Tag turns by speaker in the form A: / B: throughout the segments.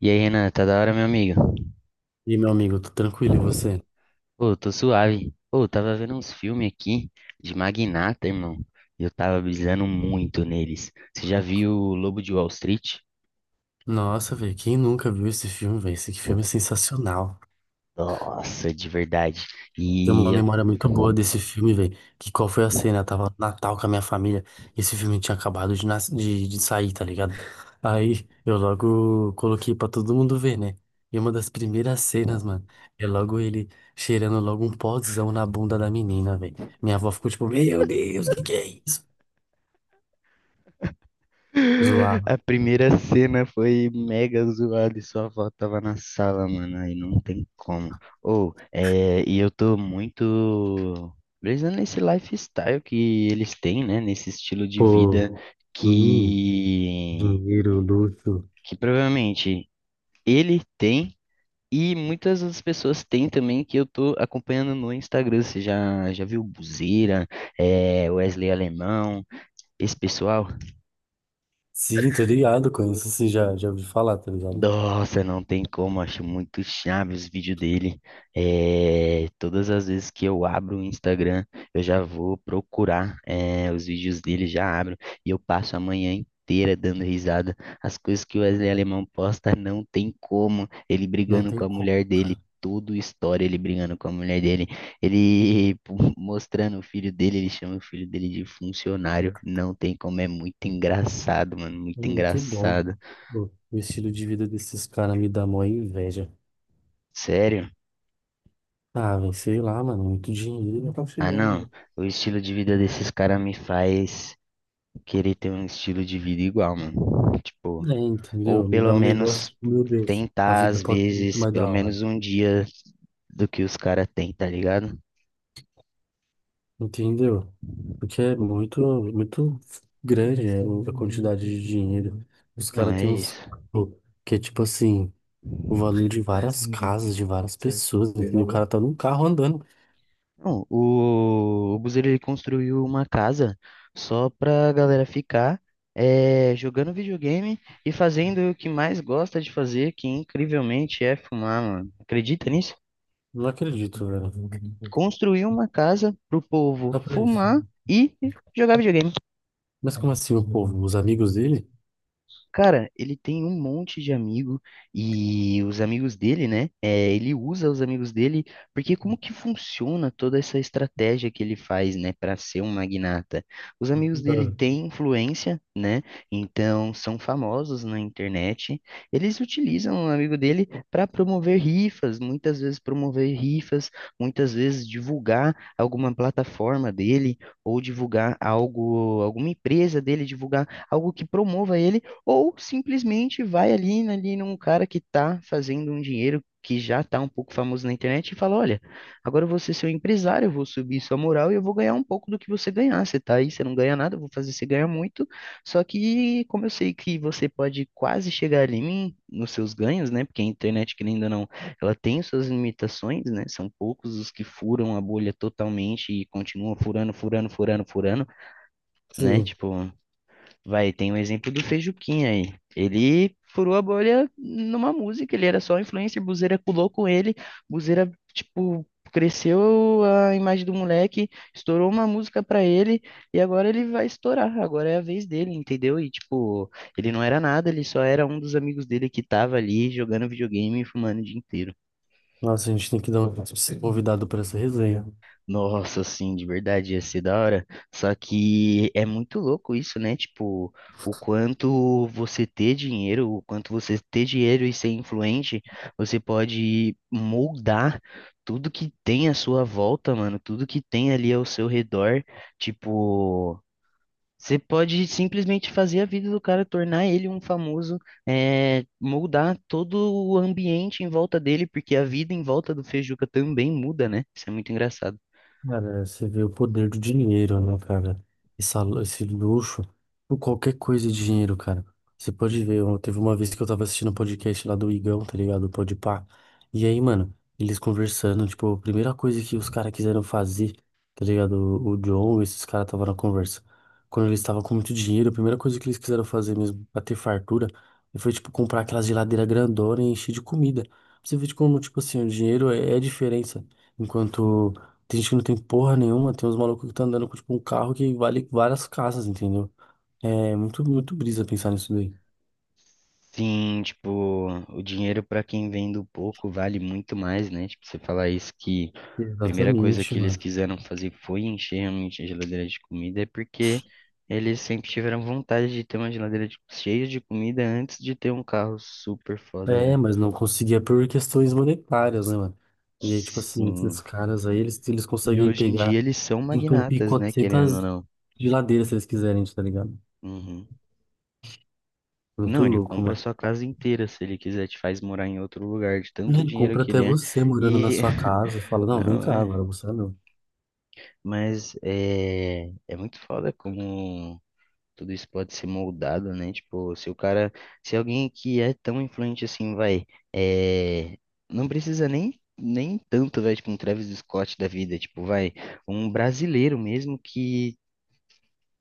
A: E aí, Renan, tá da hora, meu amigo?
B: E meu amigo, tô tranquilo, e você?
A: Pô, tô suave. Pô, tava vendo uns filmes aqui de Magnata, irmão. E eu tava brisando muito neles. Você já viu o Lobo de Wall Street?
B: Nossa, velho, quem nunca viu esse filme, velho? Esse filme é sensacional.
A: Nossa, de verdade.
B: Tem uma
A: E eu...
B: memória muito boa desse filme, velho. Que qual foi a cena? Eu tava no Natal com a minha família. Esse filme tinha acabado de sair, tá ligado? Aí eu logo coloquei pra todo mundo ver, né? E uma das primeiras cenas, mano, é logo ele cheirando logo um pozão na bunda da menina, velho. Minha avó ficou tipo, meu Deus, que é isso? Zoar.
A: A primeira cena foi mega zoada e sua avó tava na sala, mano. Aí não tem como. Ô, é... e eu tô muito brisando nesse lifestyle que eles têm, né? Nesse estilo de
B: Pô,
A: vida
B: hum,
A: que
B: dinheiro, luxo.
A: que provavelmente ele tem e muitas outras pessoas têm também que eu tô acompanhando no Instagram. Você já viu Buzeira, é Wesley Alemão, esse pessoal.
B: Sim, tô ligado, conheço assim, já ouvi falar, tá ligado?
A: Nossa, não tem como, acho muito chave os vídeos dele. É, todas as vezes que eu abro o Instagram, eu já vou procurar, é, os vídeos dele, já abro e eu passo a manhã inteira dando risada. As coisas que o Wesley Alemão posta, não tem como. Ele
B: Não
A: brigando com
B: tem
A: a mulher
B: como,
A: dele,
B: cara.
A: tudo história ele brigando com a mulher dele. Ele mostrando o filho dele, ele chama o filho dele de funcionário. Não tem como, é muito engraçado, mano,
B: É
A: muito
B: muito bom.
A: engraçado.
B: Pô, o estilo de vida desses caras me dá mó inveja.
A: Sério?
B: Ah, velho, sei lá, mano, muito dinheiro. Não tá
A: Ah, não.
B: chegando.
A: O estilo de vida desses caras me faz querer ter um estilo de vida igual, mano. Tipo,
B: É,
A: ou
B: entendeu? Me
A: pelo
B: dá um negócio,
A: menos
B: tipo, meu Deus, a
A: tentar,
B: vida
A: às
B: pode ser muito
A: vezes,
B: mais
A: pelo
B: da hora.
A: menos um dia do que os caras têm, tá ligado?
B: Entendeu? Porque é muito, muito grande, né, a quantidade de dinheiro. Os
A: Não,
B: caras
A: é
B: têm uns.
A: isso.
B: Que é tipo assim, o valor de várias casas, de várias pessoas, entendeu? O cara tá num carro andando.
A: Não, o Buzeiro, ele construiu uma casa só pra galera ficar é, jogando videogame e fazendo o que mais gosta de fazer, que incrivelmente é fumar, mano. Acredita nisso?
B: Não acredito, velho.
A: Construir uma casa pro povo
B: Só pra
A: fumar
B: isso.
A: e jogar videogame.
B: Mas como assim o povo? Os amigos dele?
A: Cara, ele tem um monte de amigo e os amigos dele, né? É, ele usa os amigos dele, porque como que funciona toda essa estratégia que ele faz, né, para ser um magnata? Os amigos dele
B: Ah.
A: têm influência, né? Então são famosos na internet. Eles utilizam o amigo dele para promover rifas, muitas vezes promover rifas, muitas vezes divulgar alguma plataforma dele ou divulgar algo, alguma empresa dele, divulgar algo que promova ele ou simplesmente vai ali, né, ali num cara que está fazendo um dinheiro que já está um pouco famoso na internet e fala: Olha, agora eu vou ser seu empresário, eu vou subir sua moral e eu vou ganhar um pouco do que você ganhar. Você tá aí, você não ganha nada, eu vou fazer você ganhar muito. Só que, como eu sei que você pode quase chegar ali em mim, nos seus ganhos, né? Porque a internet, querendo ou não, ela tem suas limitações, né? São poucos os que furam a bolha totalmente e continuam furando, furando, furando, furando, né?
B: Sim.
A: Tipo. Vai, tem o exemplo do Feijuquinha aí. Ele furou a bolha numa música, ele era só influencer, Buzeira pulou com ele, Buzeira, tipo, cresceu a imagem do moleque, estourou uma música pra ele, e agora ele vai estourar, agora é a vez dele, entendeu? E, tipo, ele não era nada, ele só era um dos amigos dele que tava ali jogando videogame e fumando o dia inteiro.
B: Nossa, a gente tem que dar um convidado pra essa resenha.
A: Nossa, sim, de verdade, ia ser da hora. Só que é muito louco isso, né? Tipo, o quanto você ter dinheiro, o quanto você ter dinheiro e ser influente, você pode moldar tudo que tem à sua volta, mano, tudo que tem ali ao seu redor. Tipo, você pode simplesmente fazer a vida do cara, tornar ele um famoso, é, moldar todo o ambiente em volta dele, porque a vida em volta do Feijuca também muda, né? Isso é muito engraçado.
B: Cara, você vê o poder do dinheiro, né, cara? Esse luxo, por qualquer coisa de dinheiro, cara. Você pode ver, eu- teve uma vez que eu tava assistindo um podcast lá do Igão, tá ligado? O Podpah. E aí, mano, eles conversando, tipo, a primeira coisa que os caras quiseram fazer, tá ligado? O John, esses caras estavam na conversa. Quando eles estavam com muito dinheiro, a primeira coisa que eles quiseram fazer mesmo, pra ter fartura, foi, tipo, comprar aquela geladeira grandona e encher de comida. Você vê de como, tipo assim, o dinheiro é a diferença. Enquanto. Tem gente que não tem porra nenhuma, tem uns malucos que estão andando com tipo, um carro que vale várias casas, entendeu? É muito, muito brisa pensar nisso daí.
A: Sim, tipo, o dinheiro para quem vem do pouco vale muito mais, né? Tipo, você falar isso que a primeira coisa
B: Exatamente,
A: que eles
B: mano.
A: quiseram fazer foi encher realmente a geladeira de comida, é porque eles sempre tiveram vontade de ter uma geladeira de- cheia de comida antes de ter um carro super foda,
B: É,
A: né?
B: mas não conseguia por questões monetárias, né, mano? E aí, tipo assim, esses
A: Sim.
B: caras aí, eles
A: E
B: conseguem
A: hoje em dia
B: pegar,
A: eles são
B: entupir
A: magnatas, né? Querendo ou
B: 400
A: não.
B: geladeiras se eles quiserem, tá ligado?
A: Uhum.
B: Muito
A: Não, ele
B: louco,
A: compra a
B: mano.
A: sua casa inteira, se ele quiser, te faz morar em outro lugar, de
B: E
A: tanto
B: ele
A: dinheiro
B: compra
A: que
B: até
A: ele é.
B: você morando na
A: E.
B: sua casa, fala, não, vem
A: Não,
B: cá
A: é.
B: agora, você não.
A: Mas é, é muito foda como tudo isso pode ser moldado, né? Tipo, se o cara, se alguém que é tão influente assim, vai, é, não precisa nem tanto, vai, tipo, um Travis Scott da vida, tipo, vai, um brasileiro mesmo que,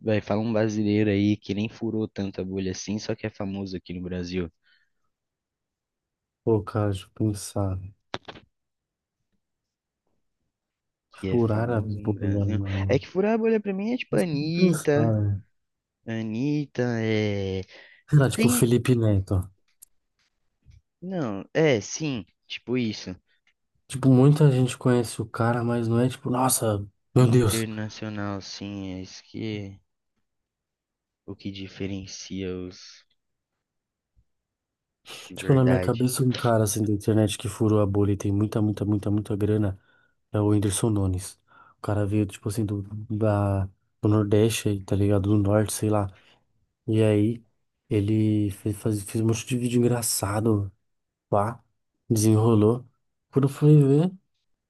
A: vai, fala um brasileiro aí que nem furou tanto a bolha assim, só que é famoso aqui no Brasil,
B: Pô, cara, deixa eu pensar.
A: que é
B: Furar a
A: famoso no
B: bolha,
A: Brasil. É
B: mano.
A: que furar a bolha pra mim é tipo Anitta,
B: Pensar.
A: Anitta, é...
B: Cara, tipo, Felipe Neto.
A: Não, é, sim, tipo isso.
B: Tipo, muita gente conhece o cara, mas não é tipo, nossa, meu Deus.
A: Internacional, sim, é isso que o que diferencia os de
B: Tipo, na minha
A: verdade.
B: cabeça, um cara assim da internet que furou a bolha e tem muita, muita, muita, muita grana é o Whindersson Nunes. O cara veio, tipo assim, da, do Nordeste, aí, tá ligado? Do Norte, sei lá. E aí, ele fez um monte de vídeo engraçado, pá, desenrolou. Quando eu fui ver.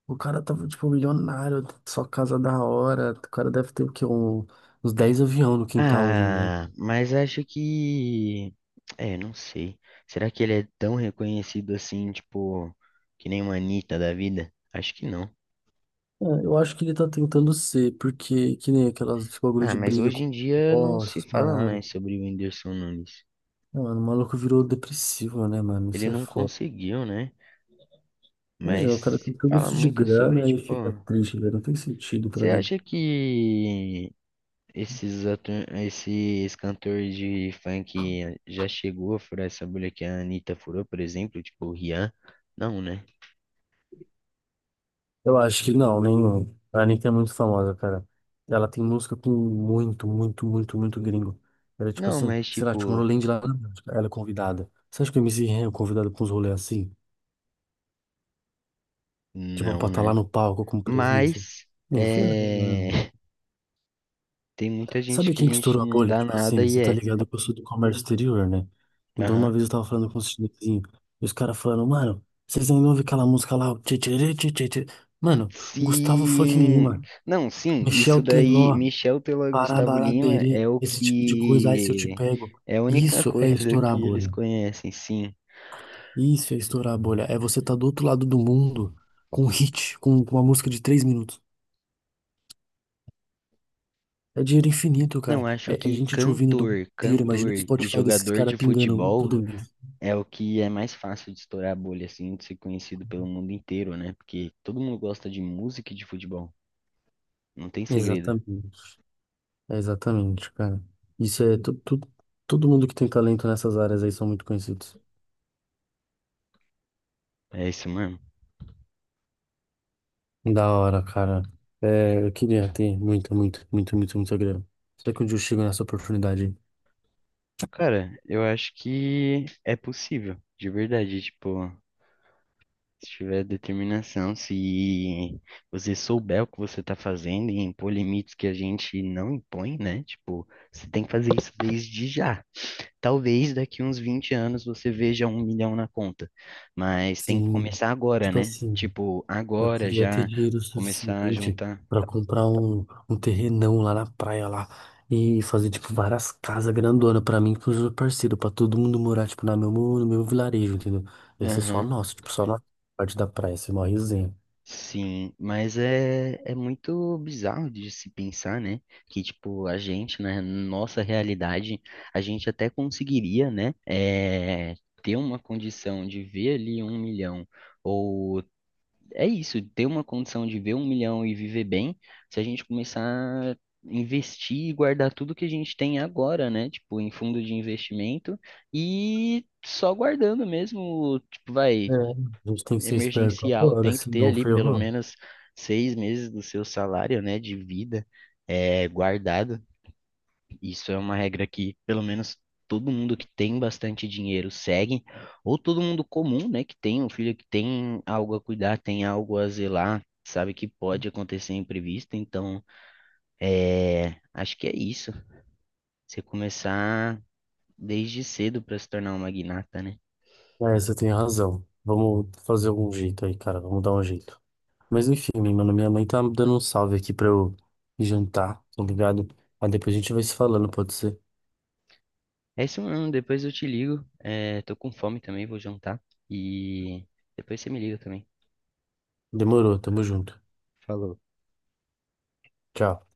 B: O cara tava, tipo, milionário, só casa da hora. O cara deve ter, o quê? Uns 10 aviões no quintal hoje em dia.
A: Ah, mas acho que é, não sei. Será que ele é tão reconhecido assim, tipo, que nem uma Anitta da vida? Acho que não.
B: É, eu acho que ele tá tentando ser, porque que nem aquelas esse bagulho
A: Ah,
B: de
A: mas
B: briga
A: hoje
B: com
A: em dia não
B: ó,
A: se
B: essas
A: fala
B: paradas.
A: mais sobre o Whindersson Nunes.
B: Não, mano, o maluco virou depressivo, né, mano?
A: Ele
B: Isso é
A: não
B: foda.
A: conseguiu, né?
B: Imagina,
A: Mas
B: o cara tem
A: se
B: tudo
A: fala
B: isso de
A: muito sobre,
B: grana e
A: tipo,
B: fica triste, velho. Não tem sentido pra
A: você
B: mim.
A: acha que esses, atu... esses cantores de funk já chegou a furar essa bolha que a Anitta furou, por exemplo, tipo o Rian? Não, né?
B: Eu acho que não, nenhum. A Anitta é muito famosa, cara. Ela tem música com muito, muito, muito, muito gringo. Era tipo
A: Não,
B: assim,
A: mas
B: sei lá,
A: tipo,
B: Tomorrowland lá, na Bélgica, ela é convidada. Você acha que o MC Ren é convidado pra uns rolês assim? Tipo, pra
A: não,
B: estar lá
A: né?
B: no palco com presença?
A: Mas
B: Nem ferrando,
A: é...
B: né?
A: tem muita gente
B: Sabe
A: que a
B: quem que
A: gente
B: estourou a
A: não
B: bolha?
A: dá
B: Tipo
A: nada
B: assim,
A: e
B: você tá
A: é.
B: ligado que eu sou do comércio exterior, né? Então uma
A: Aham.
B: vez eu tava falando com um chinesinho, e os caras falando, mano, vocês ainda ouvem aquela música lá, o tchê, tchê, tchê, tchê, tchê. Mano, Gustavo fucking
A: Sim.
B: Lima,
A: Não, sim, isso
B: Michel
A: daí,
B: Teló,
A: Michel Teló e Gustavo Lima é
B: Parabaraberê,
A: o
B: esse tipo de coisa, ai, se eu te
A: que
B: pego.
A: é a única
B: Isso é
A: coisa
B: estourar a
A: que eles
B: bolha.
A: conhecem, sim.
B: Isso é estourar a bolha. É você tá do outro lado do mundo com um hit, com uma música de 3 minutos. É dinheiro infinito,
A: Não,
B: cara.
A: acho
B: É, é
A: que
B: gente te ouvindo do mundo
A: cantor,
B: inteiro. Imagina
A: cantor
B: o
A: e
B: Spotify desses
A: jogador
B: caras
A: de
B: pingando
A: futebol
B: todo mês.
A: é o que é mais fácil de estourar a bolha, assim, de ser conhecido pelo mundo inteiro, né? Porque todo mundo gosta de música e de futebol. Não tem segredo.
B: Exatamente. É exatamente, cara. Isso é todo mundo que tem talento nessas áreas aí são muito conhecidos.
A: É isso mesmo.
B: Da hora, cara. É, eu queria ter muito, muito, muito, muito, muito grana. Será que um dia eu chego nessa oportunidade? Aí?
A: Cara, eu acho que é possível, de verdade. Tipo, se tiver determinação, se você souber o que você tá fazendo e impor limites que a gente não impõe, né? Tipo, você tem que fazer isso desde já. Talvez daqui uns 20 anos você veja um milhão na conta, mas tem que
B: Sim,
A: começar agora,
B: tipo
A: né?
B: assim,
A: Tipo,
B: eu
A: agora
B: queria ter
A: já
B: dinheiro
A: começar a
B: suficiente
A: juntar.
B: pra comprar um terrenão lá na praia lá e fazer tipo várias casas grandonas pra mim e pros meus parceiros, pra todo mundo morar tipo no meu vilarejo, entendeu? Ia ser só
A: Aham,
B: nosso, tipo só na parte da praia, ia ser uma resenha.
A: sim, mas é, é muito bizarro de se pensar, né? Que, tipo, a gente, na nossa realidade, a gente até conseguiria, né? É, ter uma condição de ver ali um milhão ou é isso, ter uma condição de ver um milhão e viver bem, se a gente começar a investir e guardar tudo que a gente tem agora, né? Tipo, em fundo de investimento e só guardando mesmo, tipo,
B: É,
A: vai,
B: a gente tem que ser esperto
A: emergencial,
B: agora,
A: tem que ter
B: senão
A: ali pelo
B: ferrou.
A: menos 6 meses do seu salário, né, de vida, é, guardado. Isso é uma regra que, pelo menos, todo mundo que tem bastante dinheiro segue, ou todo mundo comum, né, que tem um filho que tem algo a cuidar, tem algo a zelar, sabe que pode acontecer imprevisto, então, é, acho que é isso. Você começar desde cedo para se tornar um magnata, né?
B: É, você tem razão. Vamos fazer algum jeito aí, cara, vamos dar um jeito. Mas enfim, mano, minha mãe tá dando um salve aqui pra eu jantar, tá ligado? Aí depois a gente vai se falando, pode ser?
A: É isso, mano. Depois eu te ligo. É, tô com fome também, vou jantar. E depois você me liga também.
B: Demorou, tamo junto.
A: Falou.
B: Tchau.